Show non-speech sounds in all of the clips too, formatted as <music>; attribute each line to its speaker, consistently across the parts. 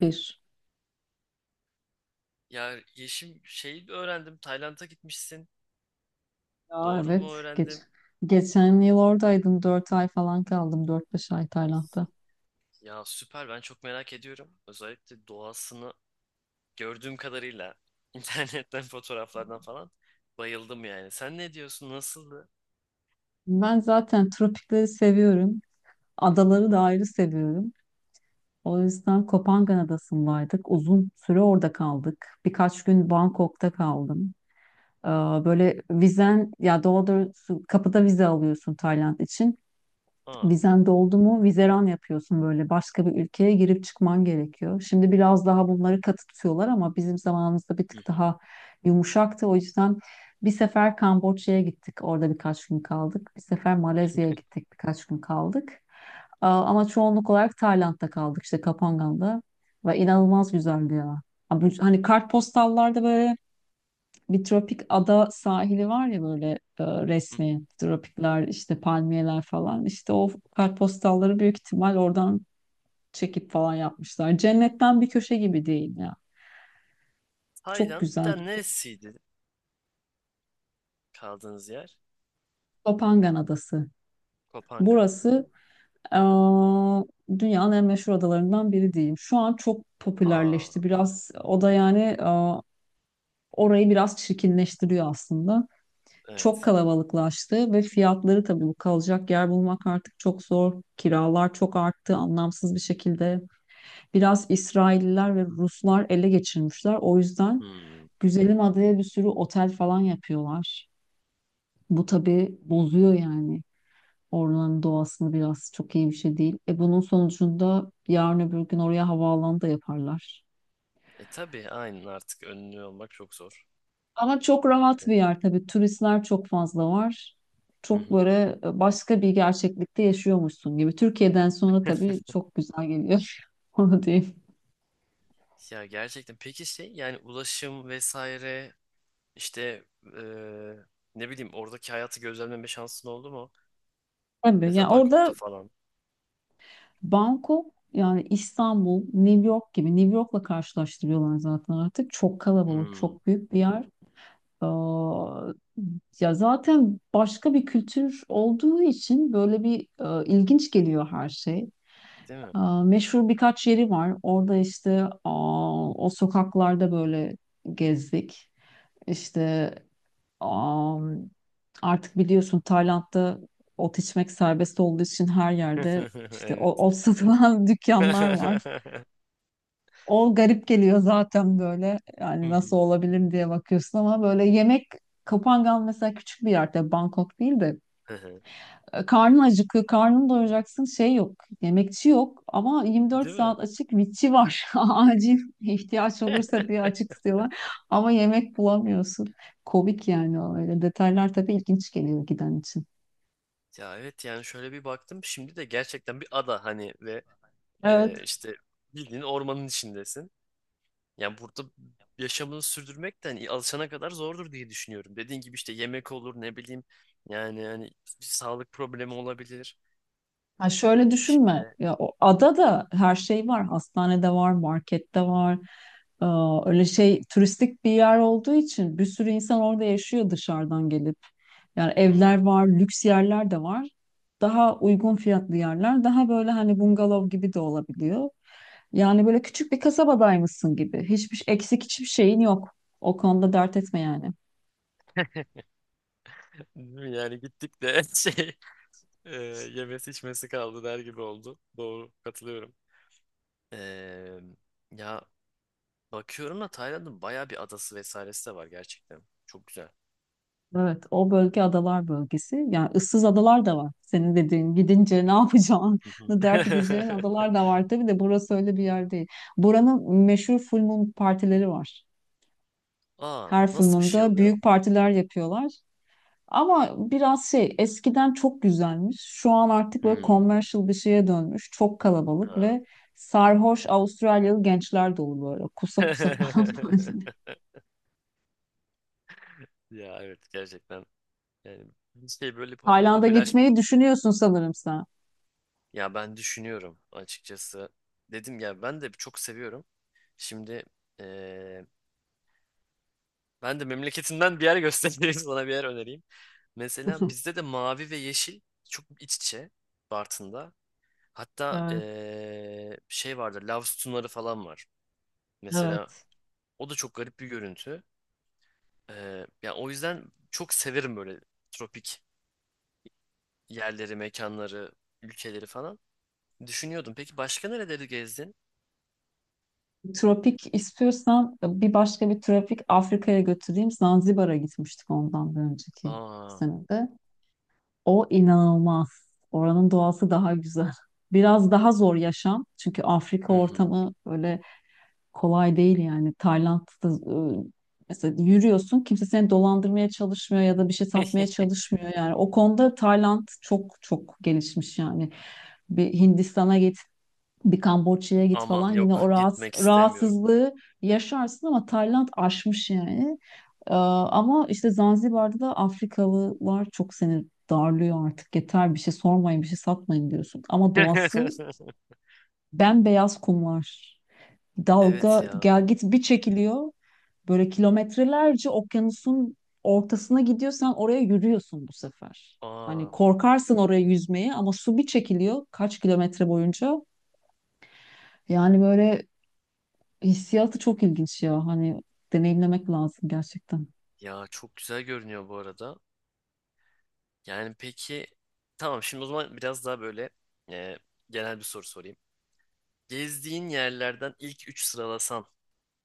Speaker 1: Bir.
Speaker 2: Ya Yeşim şeyi öğrendim. Tayland'a gitmişsin.
Speaker 1: Ya
Speaker 2: Doğru mu
Speaker 1: evet. Geç.
Speaker 2: öğrendim?
Speaker 1: Geçen yıl oradaydım. Dört ay falan kaldım. Dört beş ay Tayland'da.
Speaker 2: Ya süper, ben çok merak ediyorum. Özellikle doğasını gördüğüm kadarıyla <laughs> internetten fotoğraflardan falan bayıldım yani. Sen ne diyorsun? Nasıldı?
Speaker 1: Ben zaten tropikleri seviyorum.
Speaker 2: Hı
Speaker 1: Adaları da
Speaker 2: hı.
Speaker 1: ayrı seviyorum. O yüzden Kopangan Adası'ndaydık. Uzun süre orada kaldık. Birkaç gün Bangkok'ta kaldım. Ee, Böyle vizen ya doğrusu kapıda vize alıyorsun Tayland için.
Speaker 2: Aa.
Speaker 1: Vizen doldu mu vizeran yapıyorsun, böyle başka bir ülkeye girip çıkman gerekiyor. Şimdi biraz daha bunları katı tutuyorlar ama bizim zamanımızda bir
Speaker 2: Hı
Speaker 1: tık
Speaker 2: hı.
Speaker 1: daha yumuşaktı. O yüzden bir sefer Kamboçya'ya gittik, orada birkaç gün kaldık. Bir sefer Malezya'ya gittik, birkaç gün kaldık. Ama çoğunluk olarak Tayland'da kaldık, işte Kapangan'da, ve inanılmaz güzeldi ya. Abi, hani kartpostallarda böyle bir tropik ada sahili var ya, böyle
Speaker 2: Hı hı.
Speaker 1: resmi tropikler, işte palmiyeler falan, işte o kartpostalları büyük ihtimal oradan çekip falan yapmışlar. Cennetten bir köşe gibi değil ya. Çok
Speaker 2: Tayland bir
Speaker 1: güzel.
Speaker 2: daha neresiydi kaldığınız yer?
Speaker 1: Topangan Adası.
Speaker 2: Kopanga. Hı.
Speaker 1: Burası e, dünyanın en meşhur adalarından biri diyeyim. Şu an çok
Speaker 2: Aa
Speaker 1: popülerleşti. Biraz o da yani orayı biraz çirkinleştiriyor aslında. Çok
Speaker 2: evet.
Speaker 1: kalabalıklaştı ve fiyatları, tabii bu, kalacak yer bulmak artık çok zor. Kiralar çok arttı anlamsız bir şekilde. Biraz İsrailliler ve Ruslar ele geçirmişler. O yüzden
Speaker 2: Hı.
Speaker 1: güzelim adaya bir sürü otel falan yapıyorlar. Bu tabii bozuyor yani oranın doğasını, biraz çok iyi bir şey değil. E bunun sonucunda yarın öbür gün oraya havaalanı da yaparlar.
Speaker 2: E tabii, aynen, artık önlü olmak çok zor.
Speaker 1: Ama çok rahat bir
Speaker 2: Evet.
Speaker 1: yer tabii. Turistler çok fazla var.
Speaker 2: Hı
Speaker 1: Çok
Speaker 2: hı.
Speaker 1: böyle başka bir gerçeklikte yaşıyormuşsun gibi. Türkiye'den sonra tabii
Speaker 2: <laughs>
Speaker 1: çok güzel geliyor. <laughs> Onu diyeyim.
Speaker 2: Ya gerçekten. Peki şey, yani ulaşım vesaire, İşte eee, ne bileyim, oradaki hayatı gözlemleme şansın oldu mu?
Speaker 1: Tabii yani
Speaker 2: Mesela Bangkok'ta
Speaker 1: orada
Speaker 2: falan.
Speaker 1: Bangkok yani İstanbul, New York gibi, New York'la karşılaştırıyorlar zaten artık. Çok kalabalık,
Speaker 2: Hmm,
Speaker 1: çok büyük bir yer. Aa, Ya zaten başka bir kültür olduğu için böyle bir ilginç geliyor her şey.
Speaker 2: değil mi?
Speaker 1: Aa, meşhur birkaç yeri var. Orada işte aa, o sokaklarda böyle gezdik. İşte aa, artık biliyorsun Tayland'da ot içmek serbest olduğu için her yerde
Speaker 2: <laughs>
Speaker 1: işte
Speaker 2: Evet.
Speaker 1: ot satılan <laughs> dükkanlar var.
Speaker 2: <laughs>
Speaker 1: O garip geliyor zaten böyle. Yani nasıl olabilir diye bakıyorsun ama böyle yemek. Kapangan mesela, küçük bir yerde, Bangkok değil de karnın acıkıyor, karnını doyuracaksın şey yok, yemekçi yok ama 24
Speaker 2: Değil mi?
Speaker 1: saat açık vitçi var. <laughs> Acil ihtiyaç
Speaker 2: <laughs>
Speaker 1: olursa diye açık tutuyorlar ama yemek bulamıyorsun. Komik yani o öyle detaylar tabii ilginç geliyor giden için.
Speaker 2: Ya evet, yani şöyle bir baktım şimdi de gerçekten bir ada hani ve
Speaker 1: Evet.
Speaker 2: işte bildiğin ormanın içindesin. Yani burada yaşamını sürdürmek de hani alışana kadar zordur diye düşünüyorum. Dediğin gibi işte yemek olur, ne bileyim, yani hani bir sağlık problemi olabilir.
Speaker 1: Ha, şöyle
Speaker 2: İşte
Speaker 1: düşünme. Ya o
Speaker 2: hı,
Speaker 1: adada her şey var. Hastanede var, markette var. Ee, Öyle şey, turistik bir yer olduğu için bir sürü insan orada yaşıyor dışarıdan gelip. Yani evler
Speaker 2: hı.
Speaker 1: var, lüks yerler de var. Daha uygun fiyatlı yerler, daha böyle hani bungalov gibi de olabiliyor. Yani böyle küçük bir kasabadaymışsın gibi. Hiçbir eksik, hiçbir şeyin yok. O konuda dert etme yani.
Speaker 2: Yani gittik de <laughs> şey e, yemesi içmesi kaldı der gibi oldu. Doğru, katılıyorum. Eee, ya bakıyorum da Tayland'ın bayağı bir adası vesairesi de var gerçekten. Çok güzel.
Speaker 1: Evet, o bölge adalar bölgesi. Yani ıssız adalar da var. Senin dediğin, gidince ne yapacağını
Speaker 2: Hı
Speaker 1: <laughs>
Speaker 2: hı.
Speaker 1: dert edeceğin
Speaker 2: <laughs>
Speaker 1: adalar da var. Tabii de burası öyle bir yer değil. Buranın meşhur full moon partileri var.
Speaker 2: Aa,
Speaker 1: Her full
Speaker 2: nasıl bir şey
Speaker 1: moon'da
Speaker 2: oluyor?
Speaker 1: büyük partiler yapıyorlar. Ama biraz şey, eskiden çok güzelmiş. Şu an artık böyle
Speaker 2: Hmm.
Speaker 1: commercial bir şeye dönmüş. Çok kalabalık
Speaker 2: Ha.
Speaker 1: ve sarhoş Avustralyalı gençler dolu böyle. Kusa kusa falan.
Speaker 2: <laughs> Ya evet gerçekten, yani bir şey böyle
Speaker 1: <laughs>
Speaker 2: hafif
Speaker 1: Tayland'a
Speaker 2: popüler.
Speaker 1: gitmeyi düşünüyorsun sanırım sen.
Speaker 2: Ya ben düşünüyorum açıkçası, dedim ya ben de çok seviyorum. Şimdi ben de memleketinden bir yer göstereyim <laughs> sana, bir yer önereyim. Mesela
Speaker 1: <laughs>
Speaker 2: bizde de mavi ve yeşil çok iç içe, Bartın'da. Hatta
Speaker 1: Evet,
Speaker 2: şey vardır, lav sütunları falan var. Mesela
Speaker 1: evet.
Speaker 2: o da çok garip bir görüntü. Yani o yüzden çok severim böyle tropik yerleri, mekanları, ülkeleri falan. Düşünüyordum. Peki başka nereleri gezdin?
Speaker 1: Tropik istiyorsan bir başka bir tropik, Afrika'ya götüreyim. Zanzibar'a gitmiştik ondan bir önceki
Speaker 2: Aa,
Speaker 1: senede. O inanılmaz. Oranın doğası daha güzel. Biraz daha zor yaşam. Çünkü Afrika
Speaker 2: hı hı.
Speaker 1: ortamı öyle kolay değil yani. Tayland'da e, mesela yürüyorsun, kimse seni dolandırmaya çalışmıyor ya da bir şey satmaya
Speaker 2: <laughs>
Speaker 1: çalışmıyor yani. O konuda Tayland çok çok gelişmiş yani. Bir Hindistan'a git, bir Kamboçya'ya git
Speaker 2: Aman,
Speaker 1: falan, yine
Speaker 2: yok,
Speaker 1: o rahat,
Speaker 2: gitmek istemiyorum.
Speaker 1: rahatsızlığı yaşarsın, ama Tayland aşmış yani. Ama işte Zanzibar'da da Afrikalılar çok seni darlıyor artık. Yeter, bir şey sormayın, bir şey satmayın diyorsun. Ama doğası
Speaker 2: <laughs>
Speaker 1: bembeyaz kumlar.
Speaker 2: Evet
Speaker 1: Dalga
Speaker 2: ya.
Speaker 1: gel git bir çekiliyor. Böyle kilometrelerce okyanusun ortasına gidiyorsan oraya, yürüyorsun bu sefer. Hani
Speaker 2: Aa.
Speaker 1: korkarsın oraya yüzmeye ama su bir çekiliyor kaç kilometre boyunca. Yani böyle hissiyatı çok ilginç ya. Hani deneyimlemek lazım gerçekten.
Speaker 2: Ya çok güzel görünüyor bu arada. Yani peki, tamam, şimdi o zaman biraz daha böyle e, genel bir soru sorayım. Gezdiğin yerlerden ilk 3 sıralasan,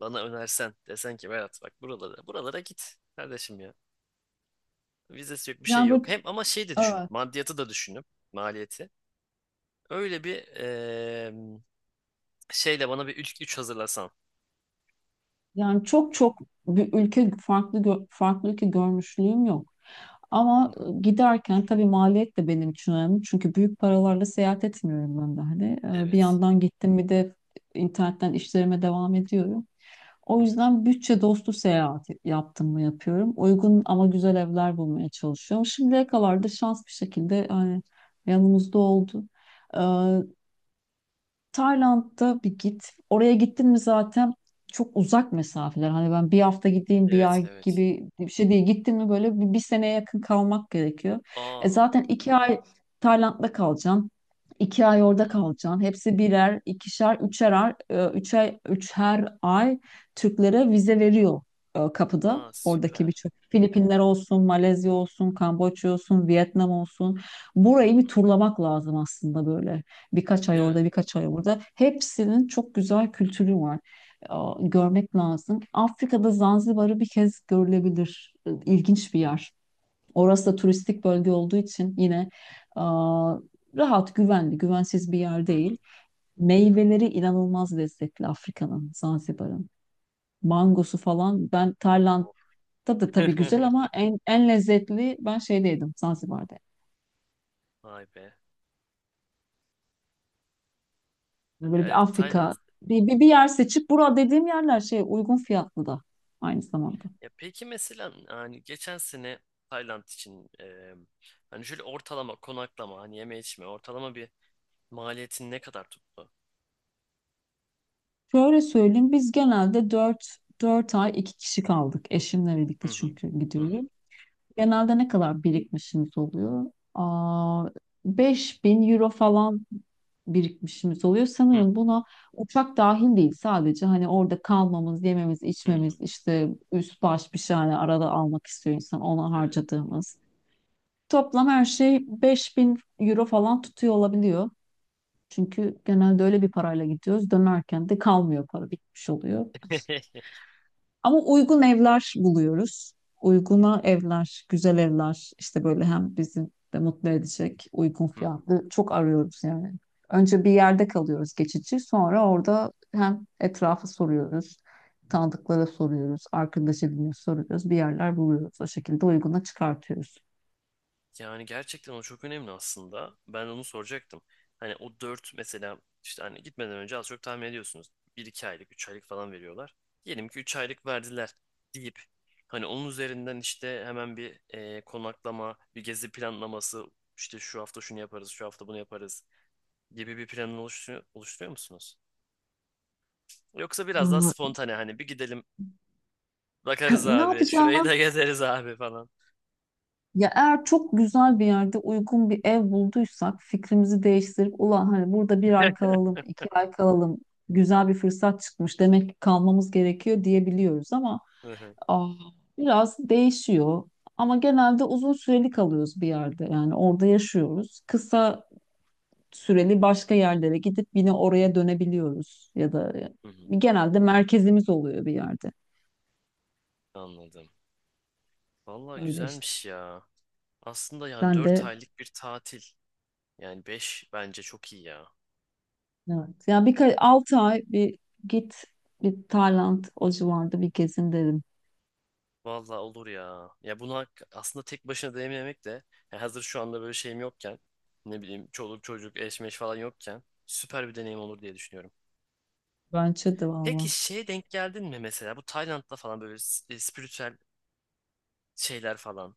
Speaker 2: bana önersen, desen ki Berat bak buralara buralara git kardeşim ya. Vizesi yok, bir şey
Speaker 1: Yani böyle
Speaker 2: yok. Hem ama şey de düşünüp,
Speaker 1: evet.
Speaker 2: maddiyatı da düşünüp, maliyeti. Öyle bir şeyle bana bir ilk üç hazırlasan.
Speaker 1: Yani çok çok bir ülke, farklı farklı ülke görmüşlüğüm yok.
Speaker 2: Hı
Speaker 1: Ama
Speaker 2: hı,
Speaker 1: giderken tabii maliyet de benim için önemli. Çünkü büyük paralarla seyahat etmiyorum ben de hani. E, bir
Speaker 2: evet.
Speaker 1: yandan gittim, bir de internetten işlerime devam ediyorum. O
Speaker 2: Hı hı,
Speaker 1: yüzden bütçe dostu seyahat yaptım mı yapıyorum. Uygun ama güzel evler bulmaya çalışıyorum. Şimdiye kadar da şans bir şekilde hani yanımızda oldu. Tayland'da bir git. Oraya gittin mi zaten çok uzak mesafeler. Hani ben bir hafta gideyim bir
Speaker 2: evet
Speaker 1: ay
Speaker 2: evet.
Speaker 1: gibi bir şey değil. Gittin mi böyle bir seneye yakın kalmak gerekiyor. E
Speaker 2: Aa.
Speaker 1: zaten iki ay Tayland'da kalacaksın. İki ay
Speaker 2: Hı
Speaker 1: orada
Speaker 2: hı.
Speaker 1: kalacaksın. Hepsi birer, ikişer, üçer, üçer, üçer ay Türklere vize veriyor kapıda.
Speaker 2: Aa
Speaker 1: Oradaki
Speaker 2: süper.
Speaker 1: birçok, Filipinler olsun, Malezya olsun, Kamboçya olsun, Vietnam olsun.
Speaker 2: Hı
Speaker 1: Burayı bir
Speaker 2: hı.
Speaker 1: turlamak lazım aslında böyle. Birkaç ay
Speaker 2: Değil mi?
Speaker 1: orada, birkaç ay burada. Hepsinin çok güzel kültürü var. Aa, görmek lazım. Afrika'da Zanzibar'ı bir kez görülebilir. İlginç bir yer. Orası da turistik bölge olduğu için yine aa, rahat, güvenli, güvensiz bir yer
Speaker 2: Hı
Speaker 1: değil.
Speaker 2: hı.
Speaker 1: Meyveleri inanılmaz lezzetli Afrika'nın, Zanzibar'ın. Mangosu falan. Ben Tayland da da
Speaker 2: Of.
Speaker 1: tabii güzel, ama
Speaker 2: <laughs>
Speaker 1: en en lezzetli ben şeydeydim, Zanzibar'da.
Speaker 2: Vay be.
Speaker 1: Yani
Speaker 2: Ya
Speaker 1: böyle bir
Speaker 2: evet, Tayland.
Speaker 1: Afrika, bir yer seçip, bura dediğim yerler şey, uygun fiyatlı da aynı zamanda.
Speaker 2: Ya peki mesela hani geçen sene Tayland için hani şöyle ortalama konaklama, hani yeme içme ortalama bir maliyetin ne kadar tuttu?
Speaker 1: Şöyle söyleyeyim, biz genelde dört ay 2 kişi kaldık eşimle birlikte,
Speaker 2: Hı hı.
Speaker 1: çünkü
Speaker 2: Hı hı.
Speaker 1: gidiyorum.
Speaker 2: Hı hı.
Speaker 1: Genelde ne kadar birikmişimiz oluyor? Aa, 5.000 euro falan birikmişimiz oluyor.
Speaker 2: Hı
Speaker 1: Sanırım
Speaker 2: hı.
Speaker 1: buna uçak dahil değil, sadece hani orada kalmamız, yememiz,
Speaker 2: Hı hı.
Speaker 1: içmemiz, işte üst baş bir şey hani arada almak istiyor insan, ona harcadığımız. Toplam her şey 5.000 euro falan tutuyor olabiliyor. Çünkü genelde öyle bir parayla gidiyoruz. Dönerken de kalmıyor, para bitmiş oluyor.
Speaker 2: Hı
Speaker 1: Ama uygun evler buluyoruz. Uyguna evler, güzel evler, işte böyle hem bizi de mutlu edecek, uygun
Speaker 2: hı. <laughs>
Speaker 1: fiyatlı çok arıyoruz yani. Önce bir yerde kalıyoruz geçici, sonra orada hem etrafı soruyoruz, tanıdıklara soruyoruz, arkadaş ediniyor soruyoruz, bir yerler buluyoruz. O şekilde uyguna çıkartıyoruz.
Speaker 2: Yani gerçekten o çok önemli aslında. Ben onu soracaktım. Hani o 4 mesela, işte hani gitmeden önce az çok tahmin ediyorsunuz. Bir iki aylık, 3 aylık falan veriyorlar. Diyelim ki 3 aylık verdiler deyip hani onun üzerinden işte hemen bir konaklama, bir gezi planlaması, işte şu hafta şunu yaparız, şu hafta bunu yaparız gibi bir planı oluşturuyor musunuz? Yoksa biraz daha
Speaker 1: Aa,
Speaker 2: spontane, hani bir gidelim
Speaker 1: <laughs>
Speaker 2: bakarız
Speaker 1: ne
Speaker 2: abi,
Speaker 1: yapacağını.
Speaker 2: şurayı da gezeriz abi falan.
Speaker 1: Ya eğer çok güzel bir yerde uygun bir ev bulduysak fikrimizi değiştirip ulan hani burada bir ay kalalım, iki ay kalalım, güzel bir fırsat çıkmış demek ki kalmamız gerekiyor diyebiliyoruz, ama
Speaker 2: Hı hı,
Speaker 1: aa, biraz değişiyor. Ama genelde uzun süreli kalıyoruz bir yerde, yani orada yaşıyoruz. Kısa süreli başka yerlere gidip yine oraya dönebiliyoruz ya da
Speaker 2: hı hı,
Speaker 1: genelde merkezimiz oluyor bir yerde.
Speaker 2: anladım. Vallahi
Speaker 1: Öyle işte.
Speaker 2: güzelmiş ya. Aslında yani
Speaker 1: Sen
Speaker 2: 4
Speaker 1: de
Speaker 2: aylık bir tatil. Yani 5 bence çok iyi ya.
Speaker 1: evet. Ya bir 6 ay bir git, bir Tayland o civarda bir gezin derim.
Speaker 2: Vallahi olur ya. Ya bunu hak- aslında tek başına deneyimlemek de, ya hazır şu anda böyle şeyim yokken, ne bileyim çoluk çocuk eşmeş falan yokken süper bir deneyim olur diye düşünüyorum.
Speaker 1: Bence de
Speaker 2: Peki
Speaker 1: valla.
Speaker 2: şeye denk geldin mi mesela bu Tayland'da falan böyle s- spiritüel şeyler falan,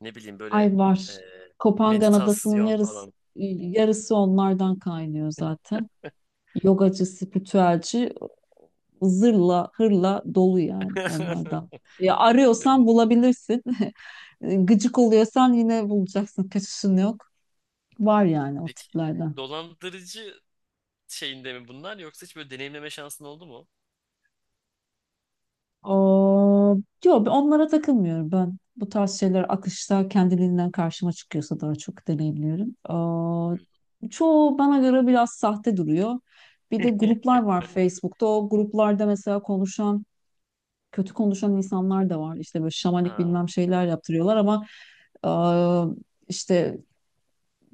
Speaker 2: ne bileyim böyle
Speaker 1: Ay
Speaker 2: e,
Speaker 1: var. Kopangan Adası'nın
Speaker 2: meditasyon
Speaker 1: yarısı,
Speaker 2: falan.
Speaker 1: yarısı onlardan kaynıyor zaten. Yogacı, spiritüelci, zırla, hırla dolu yani onlardan.
Speaker 2: <laughs>
Speaker 1: Ya
Speaker 2: Ya bu-
Speaker 1: arıyorsan bulabilirsin. <laughs> Gıcık oluyorsan yine bulacaksın. Kaçışın yok. Var yani o
Speaker 2: Peki,
Speaker 1: tiplerden.
Speaker 2: dolandırıcı şeyinde mi bunlar, yoksa hiç böyle deneyimleme şansın oldu mu?
Speaker 1: O, yok, onlara takılmıyorum ben. Bu tarz şeyler akışta kendiliğinden karşıma çıkıyorsa daha çok deneyimliyorum. O, çoğu bana göre biraz sahte duruyor. Bir
Speaker 2: Hı.
Speaker 1: de
Speaker 2: <laughs>
Speaker 1: gruplar var Facebook'ta. O gruplarda mesela konuşan, kötü konuşan insanlar da var. İşte böyle şamanik
Speaker 2: Ha,
Speaker 1: bilmem şeyler yaptırıyorlar ama işte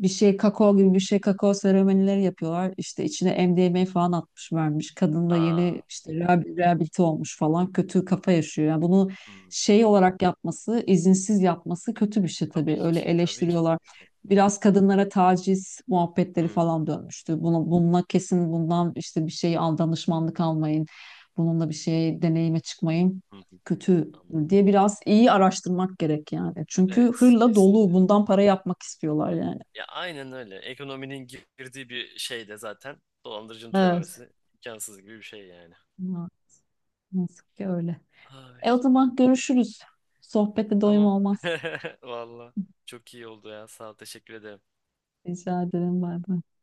Speaker 1: bir şey, kakao seremonileri yapıyorlar. İşte içine MDMA falan atmış vermiş. Kadın da yeni
Speaker 2: aa,
Speaker 1: işte rehabilite olmuş falan. Kötü kafa yaşıyor. Yani bunu
Speaker 2: hmm.
Speaker 1: şey olarak yapması, izinsiz yapması kötü bir şey tabii.
Speaker 2: Tabii
Speaker 1: Öyle
Speaker 2: ki, tabii ki,
Speaker 1: eleştiriyorlar.
Speaker 2: tabii ki.
Speaker 1: Biraz kadınlara taciz muhabbetleri
Speaker 2: Hmm,
Speaker 1: falan dönmüştü. Bununla kesin, bundan işte bir şey al, danışmanlık almayın. Bununla bir şey deneyime çıkmayın.
Speaker 2: hı hı,
Speaker 1: Kötü
Speaker 2: anladım.
Speaker 1: diye biraz iyi araştırmak gerek yani. Çünkü
Speaker 2: Evet,
Speaker 1: hırla dolu,
Speaker 2: kesinlikle.
Speaker 1: bundan para yapmak istiyorlar yani.
Speaker 2: Ya aynen öyle. Ekonominin girdiği bir şey de zaten dolandırıcının
Speaker 1: Evet.
Speaker 2: türememesi imkansız gibi bir şey yani.
Speaker 1: Na- Nasıl ki öyle.
Speaker 2: Ay,
Speaker 1: E o zaman görüşürüz. Sohbete doyum
Speaker 2: tamam.
Speaker 1: olmaz.
Speaker 2: <laughs> Valla çok iyi oldu ya. Sağ ol, teşekkür ederim.
Speaker 1: Rica ederim. Bay bay.